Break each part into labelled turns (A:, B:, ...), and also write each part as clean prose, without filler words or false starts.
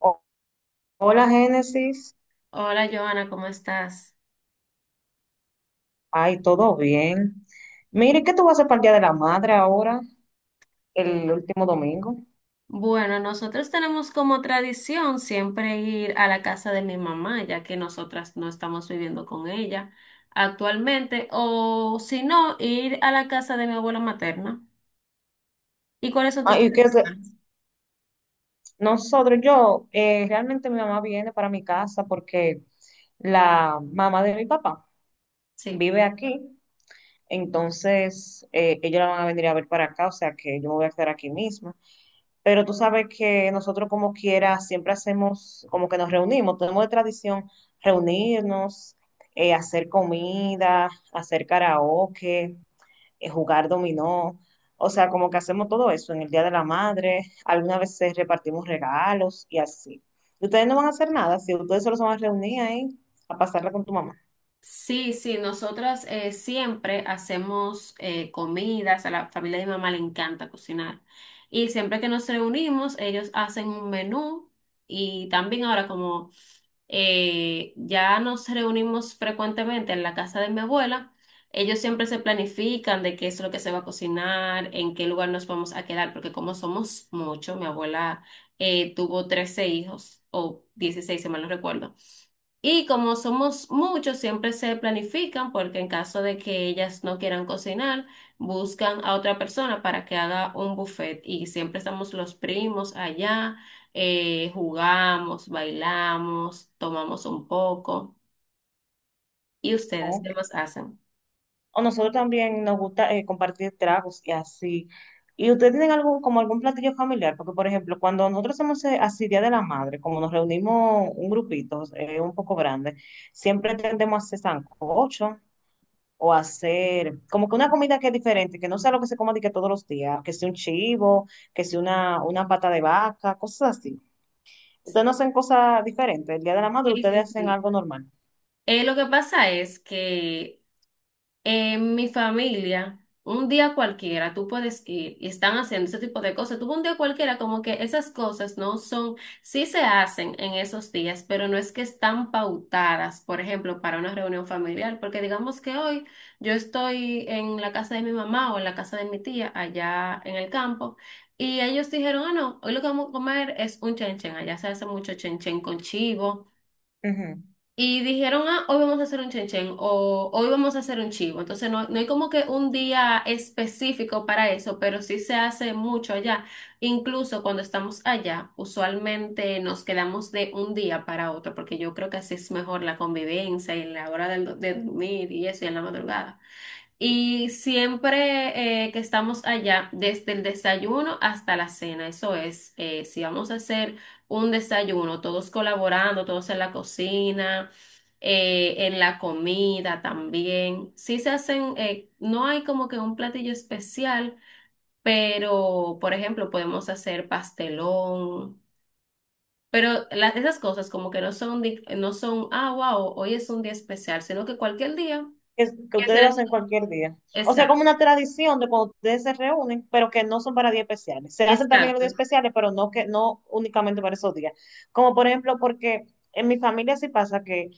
A: O- Hola, Génesis.
B: Hola Joana, ¿cómo estás?
A: Ay, todo bien. Mire, ¿qué tú vas a hacer para el Día de la Madre ahora, el último domingo?
B: Bueno, nosotros tenemos como tradición siempre ir a la casa de mi mamá, ya que nosotras no estamos viviendo con ella actualmente, o si no, ir a la casa de mi abuela materna. ¿Y cuáles son tus
A: Ay, que
B: tradiciones?
A: nosotros, yo, realmente mi mamá viene para mi casa porque la mamá de mi papá
B: Sí.
A: vive aquí, entonces ellos la van a venir a ver para acá, o sea que yo me voy a quedar aquí mismo. Pero tú sabes que nosotros como quiera siempre hacemos, como que nos reunimos, tenemos de tradición reunirnos, hacer comida, hacer karaoke, jugar dominó. O sea, como que hacemos todo eso en el Día de la Madre, algunas veces repartimos regalos y así. Y ustedes no van a hacer nada, si ustedes solo se van a reunir ahí a pasarla con tu mamá.
B: Sí, sí, nosotras siempre hacemos comidas. A la familia de mi mamá le encanta cocinar y siempre que nos reunimos ellos hacen un menú, y también ahora como ya nos reunimos frecuentemente en la casa de mi abuela. Ellos siempre se planifican de qué es lo que se va a cocinar, en qué lugar nos vamos a quedar, porque como somos muchos, mi abuela tuvo 13 hijos o 16, si mal no recuerdo. Y como somos muchos, siempre se planifican, porque en caso de que ellas no quieran cocinar, buscan a otra persona para que haga un buffet. Y siempre estamos los primos allá, jugamos, bailamos, tomamos un poco. ¿Y ustedes
A: Ok.
B: qué más hacen?
A: O nosotros también nos gusta compartir tragos y así. ¿Y ustedes tienen algún, como algún platillo familiar? Porque, por ejemplo, cuando nosotros hacemos así Día de la Madre, como nos reunimos un grupito un poco grande, siempre tendemos a hacer sancocho o a hacer como que una comida que es diferente, que no sea lo que se come de que todos los días, que sea un chivo, que sea una pata de vaca, cosas así. Ustedes no hacen cosas diferentes. El Día de la Madre
B: Sí,
A: ustedes
B: sí,
A: hacen
B: sí.
A: algo normal.
B: Lo que pasa es que en mi familia, un día cualquiera, tú puedes ir y están haciendo ese tipo de cosas. Tuvo un día cualquiera, como que esas cosas no son, sí se hacen en esos días, pero no es que están pautadas, por ejemplo, para una reunión familiar, porque digamos que hoy yo estoy en la casa de mi mamá o en la casa de mi tía allá en el campo. Y ellos dijeron, ah, no, hoy lo que vamos a comer es un chenchen. Allá se hace mucho chenchen con chivo
A: Ujú.
B: y dijeron, ah, hoy vamos a hacer un chenchen o hoy vamos a hacer un chivo. Entonces no hay como que un día específico para eso, pero sí se hace mucho allá. Incluso cuando estamos allá, usualmente nos quedamos de un día para otro, porque yo creo que así es mejor la convivencia y la hora de dormir y eso y en la madrugada. Y siempre que estamos allá, desde el desayuno hasta la cena, eso es, si vamos a hacer un desayuno, todos colaborando, todos en la cocina, en la comida también. Sí se hacen, no hay como que un platillo especial, pero por ejemplo podemos hacer pastelón. Pero las, esas cosas como que no son, no son, ah, wow, hoy es un día especial, sino que cualquier día.
A: Que
B: Que
A: ustedes lo hacen cualquier día. O sea, como
B: Exacto,
A: una tradición de cuando ustedes se reúnen, pero que no son para días especiales. Se hacen también los días
B: exacto.
A: especiales, pero no que no únicamente para esos días. Como por ejemplo, porque en mi familia sí pasa que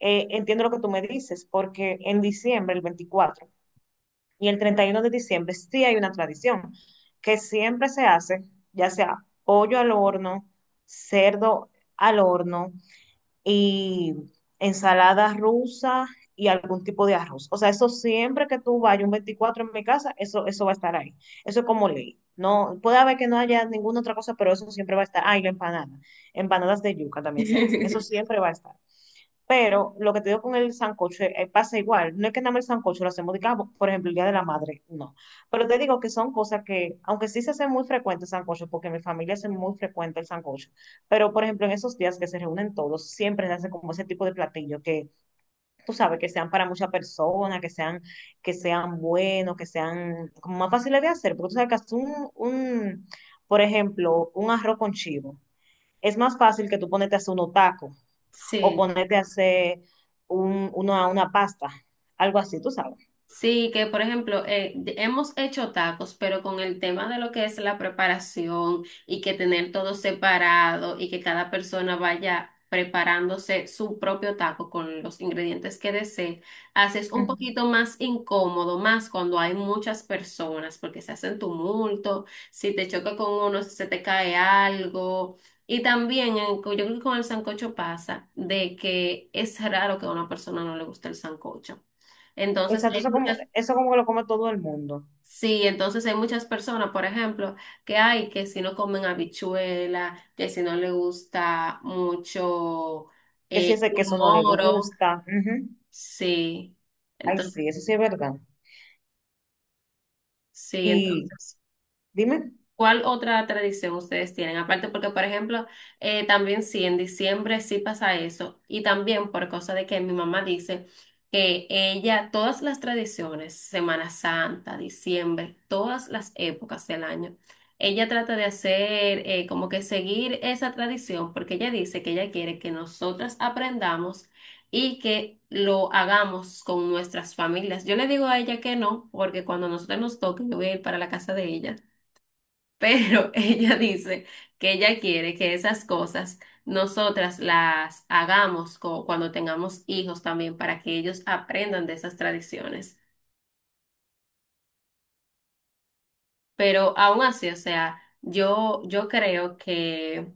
A: entiendo lo que tú me dices, porque en diciembre, el 24 y el 31 de diciembre, sí hay una tradición que siempre se hace, ya sea pollo al horno, cerdo al horno, y ensalada rusa y algún tipo de arroz. O sea, eso siempre que tú vayas un 24 en mi casa, eso va a estar ahí. Eso es como ley. No, puede haber que no haya ninguna otra cosa, pero eso siempre va a estar. Ah, y la empanada. Empanadas de yuca también se hacen. Eso siempre va a estar. Pero lo que te digo con el sancocho pasa igual. No es que nada más el sancocho lo hacemos, digamos, por ejemplo, el Día de la Madre, no. Pero te digo que son cosas que, aunque sí se hace muy frecuente el sancocho, porque en mi familia hace muy frecuente el sancocho, pero por ejemplo, en esos días que se reúnen todos, siempre se hace como ese tipo de platillo que tú sabes que sean para muchas personas, que sean buenos, que sean como más fáciles de hacer, porque tú sabes que hacer por ejemplo, un arroz con chivo. Es más fácil que tú ponerte a hacer unos tacos o
B: Sí.
A: ponerte a hacer una pasta, algo así, tú sabes.
B: Sí, que por ejemplo, hemos hecho tacos, pero con el tema de lo que es la preparación y que tener todo separado y que cada persona vaya preparándose su propio taco con los ingredientes que desee, haces un
A: Ujú.
B: poquito más incómodo, más cuando hay muchas personas, porque se hacen tumulto, si te choca con uno, si se te cae algo. Y también, yo creo que con el sancocho pasa de que es raro que a una persona no le guste el sancocho. Entonces
A: Exacto,
B: hay
A: eso como,
B: muchas.
A: eso como que lo come todo el mundo.
B: Sí, entonces hay muchas personas, por ejemplo, que hay que si no comen habichuela, que si no le gusta mucho
A: Que si ese queso
B: un
A: no le
B: moro,
A: gusta. Ujú.
B: sí,
A: Ay,
B: entonces,
A: sí, eso sí es verdad.
B: sí,
A: Y
B: entonces.
A: dime,
B: ¿Cuál otra tradición ustedes tienen? Aparte, porque, por ejemplo, también sí, en diciembre sí pasa eso. Y también por cosa de que mi mamá dice que ella, todas las tradiciones, Semana Santa, diciembre, todas las épocas del año, ella trata de hacer como que seguir esa tradición, porque ella dice que ella quiere que nosotras aprendamos y que lo hagamos con nuestras familias. Yo le digo a ella que no, porque cuando nosotros nos toque, yo voy a ir para la casa de ella. Pero ella dice que ella quiere que esas cosas nosotras las hagamos cuando tengamos hijos también para que ellos aprendan de esas tradiciones. Pero aún así, o sea, yo creo que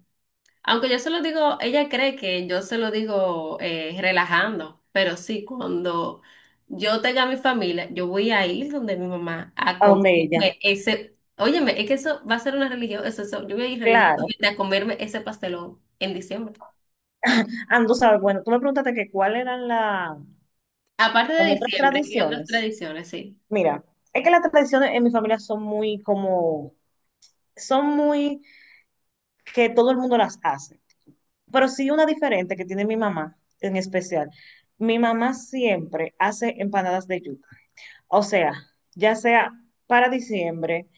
B: aunque yo se lo digo, ella cree que yo se lo digo relajando, pero sí, cuando yo tenga mi familia, yo voy a ir donde mi mamá a
A: ¿a dónde ella?
B: comerme ese, óyeme, es que eso va a ser una religión, eso, yo voy a ir
A: Claro.
B: religiosamente a comerme ese pastelón en diciembre.
A: Ah, no, tú sabes, bueno, tú me preguntaste que cuáles eran las,
B: Aparte
A: como
B: de
A: otras
B: diciembre y otras
A: tradiciones.
B: tradiciones, sí.
A: Mira, es que las tradiciones en mi familia son muy como, son muy que todo el mundo las hace. Pero sí una diferente que tiene mi mamá en especial. Mi mamá siempre hace empanadas de yuca. O sea, ya sea para diciembre,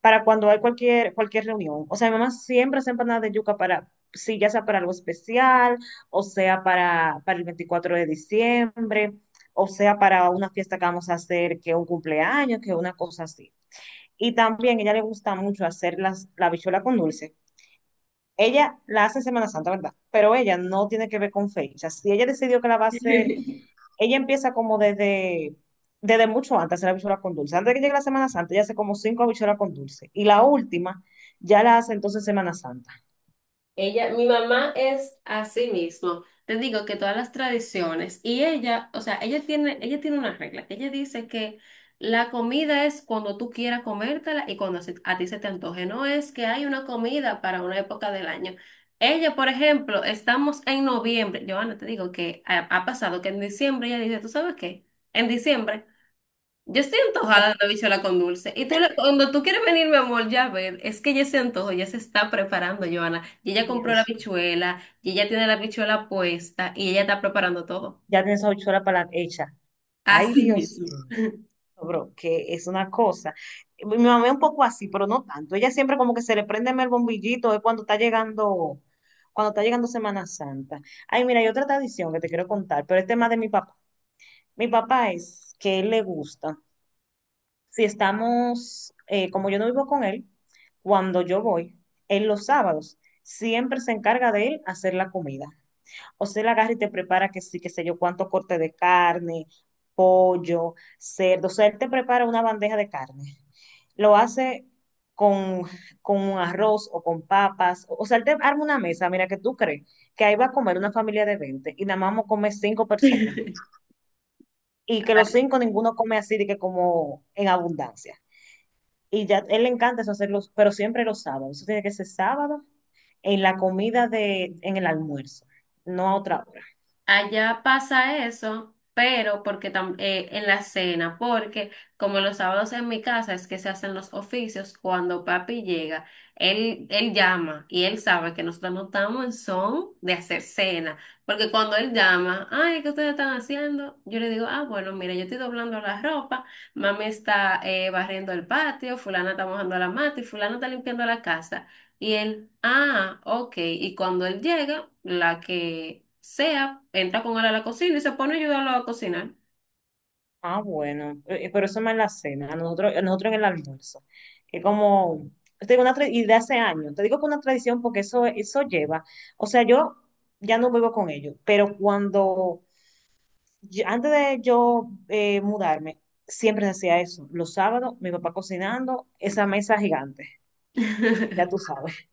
A: para cuando hay cualquier reunión. O sea, mi mamá siempre hace empanadas de yuca para, sí, ya sea para algo especial, o sea, para el 24 de diciembre, o sea, para una fiesta que vamos a hacer, que un cumpleaños, que una cosa así. Y también a ella le gusta mucho hacer las, la habichuela con dulce. Ella la hace en Semana Santa, ¿verdad? Pero ella no tiene que ver con fechas. Si ella decidió que la va a hacer, ella empieza como desde, desde mucho antes, de hacer la habichuela con dulce. Antes de que llegue la Semana Santa, ella hace como cinco habichuelas con dulce. Y la última ya la hace entonces Semana Santa.
B: Ella, mi mamá es así mismo. Te digo que todas las tradiciones y ella, o sea, ella tiene una regla. Ella dice que la comida es cuando tú quieras comértela y cuando a ti se te antoje. No es que hay una comida para una época del año. Ella, por ejemplo, estamos en noviembre. Joana, te digo que ha pasado que en diciembre ella dice, ¿tú sabes qué? En diciembre. Yo estoy
A: Oh,
B: antojada de una bichola con dulce. Y tú, cuando tú quieres venir, mi amor, ya ver, es que ya se antojo, ya se está preparando, Joana. Y ella compró la
A: Dios,
B: bichuela, y ella tiene la bichuela puesta, y ella está preparando todo.
A: ya tiene esa habichuela para la hecha. Ay,
B: Así
A: Dios
B: mismo.
A: bro, que es una cosa. Mi mamá es un poco así, pero no tanto. Ella siempre como que se le prende el bombillito, es cuando está llegando Semana Santa. Ay, mira, hay otra tradición que te quiero contar, pero es tema de mi papá. Mi papá es que él le gusta. Si estamos, como yo no vivo con él, cuando yo voy, en los sábados, siempre se encarga de él hacer la comida. O sea, él agarra y te prepara que sí, qué sé yo, cuánto corte de carne, pollo, cerdo. O sea, él te prepara una bandeja de carne. Lo hace con, con un arroz o con papas. O sea, él te arma una mesa, mira, que tú crees que ahí va a comer una familia de 20 y nada más vamos a comer cinco personas. Y que los cinco ninguno come así de que como en abundancia. Y ya él le encanta eso hacerlo, pero siempre los sábados. Eso tiene que ser sábado en la comida de, en el almuerzo, no a otra hora.
B: Allá pasa eso, pero porque en la cena, porque como los sábados en mi casa es que se hacen los oficios, cuando papi llega, él llama y él sabe que nosotros no estamos en son de hacer cena, porque cuando él llama, ay, ¿qué ustedes están haciendo? Yo le digo, ah, bueno, mira, yo estoy doblando la ropa, mami está barriendo el patio, fulana está mojando la mata y fulana está limpiando la casa. Y él, ah, ok. Y cuando él llega, la que sea, entra con él a la cocina y se pone a ayudarlo a cocinar.
A: Ah, bueno, pero eso no es más en la cena, a nosotros en el almuerzo, que como, te digo y de hace años, te digo que una tradición porque eso lleva, o sea, yo ya no vivo con ellos, pero cuando, antes de yo mudarme, siempre se hacía eso, los sábados, mi papá cocinando, esa mesa gigante, ya tú sabes.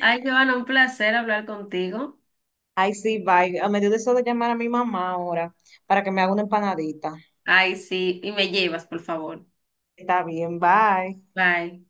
B: Ay, Joana, un placer hablar contigo.
A: Ay, sí, bye, a medio de eso de llamar a mi mamá ahora, para que me haga una empanadita.
B: Ay, sí, y me llevas, por favor.
A: Está bien, bye.
B: Bye.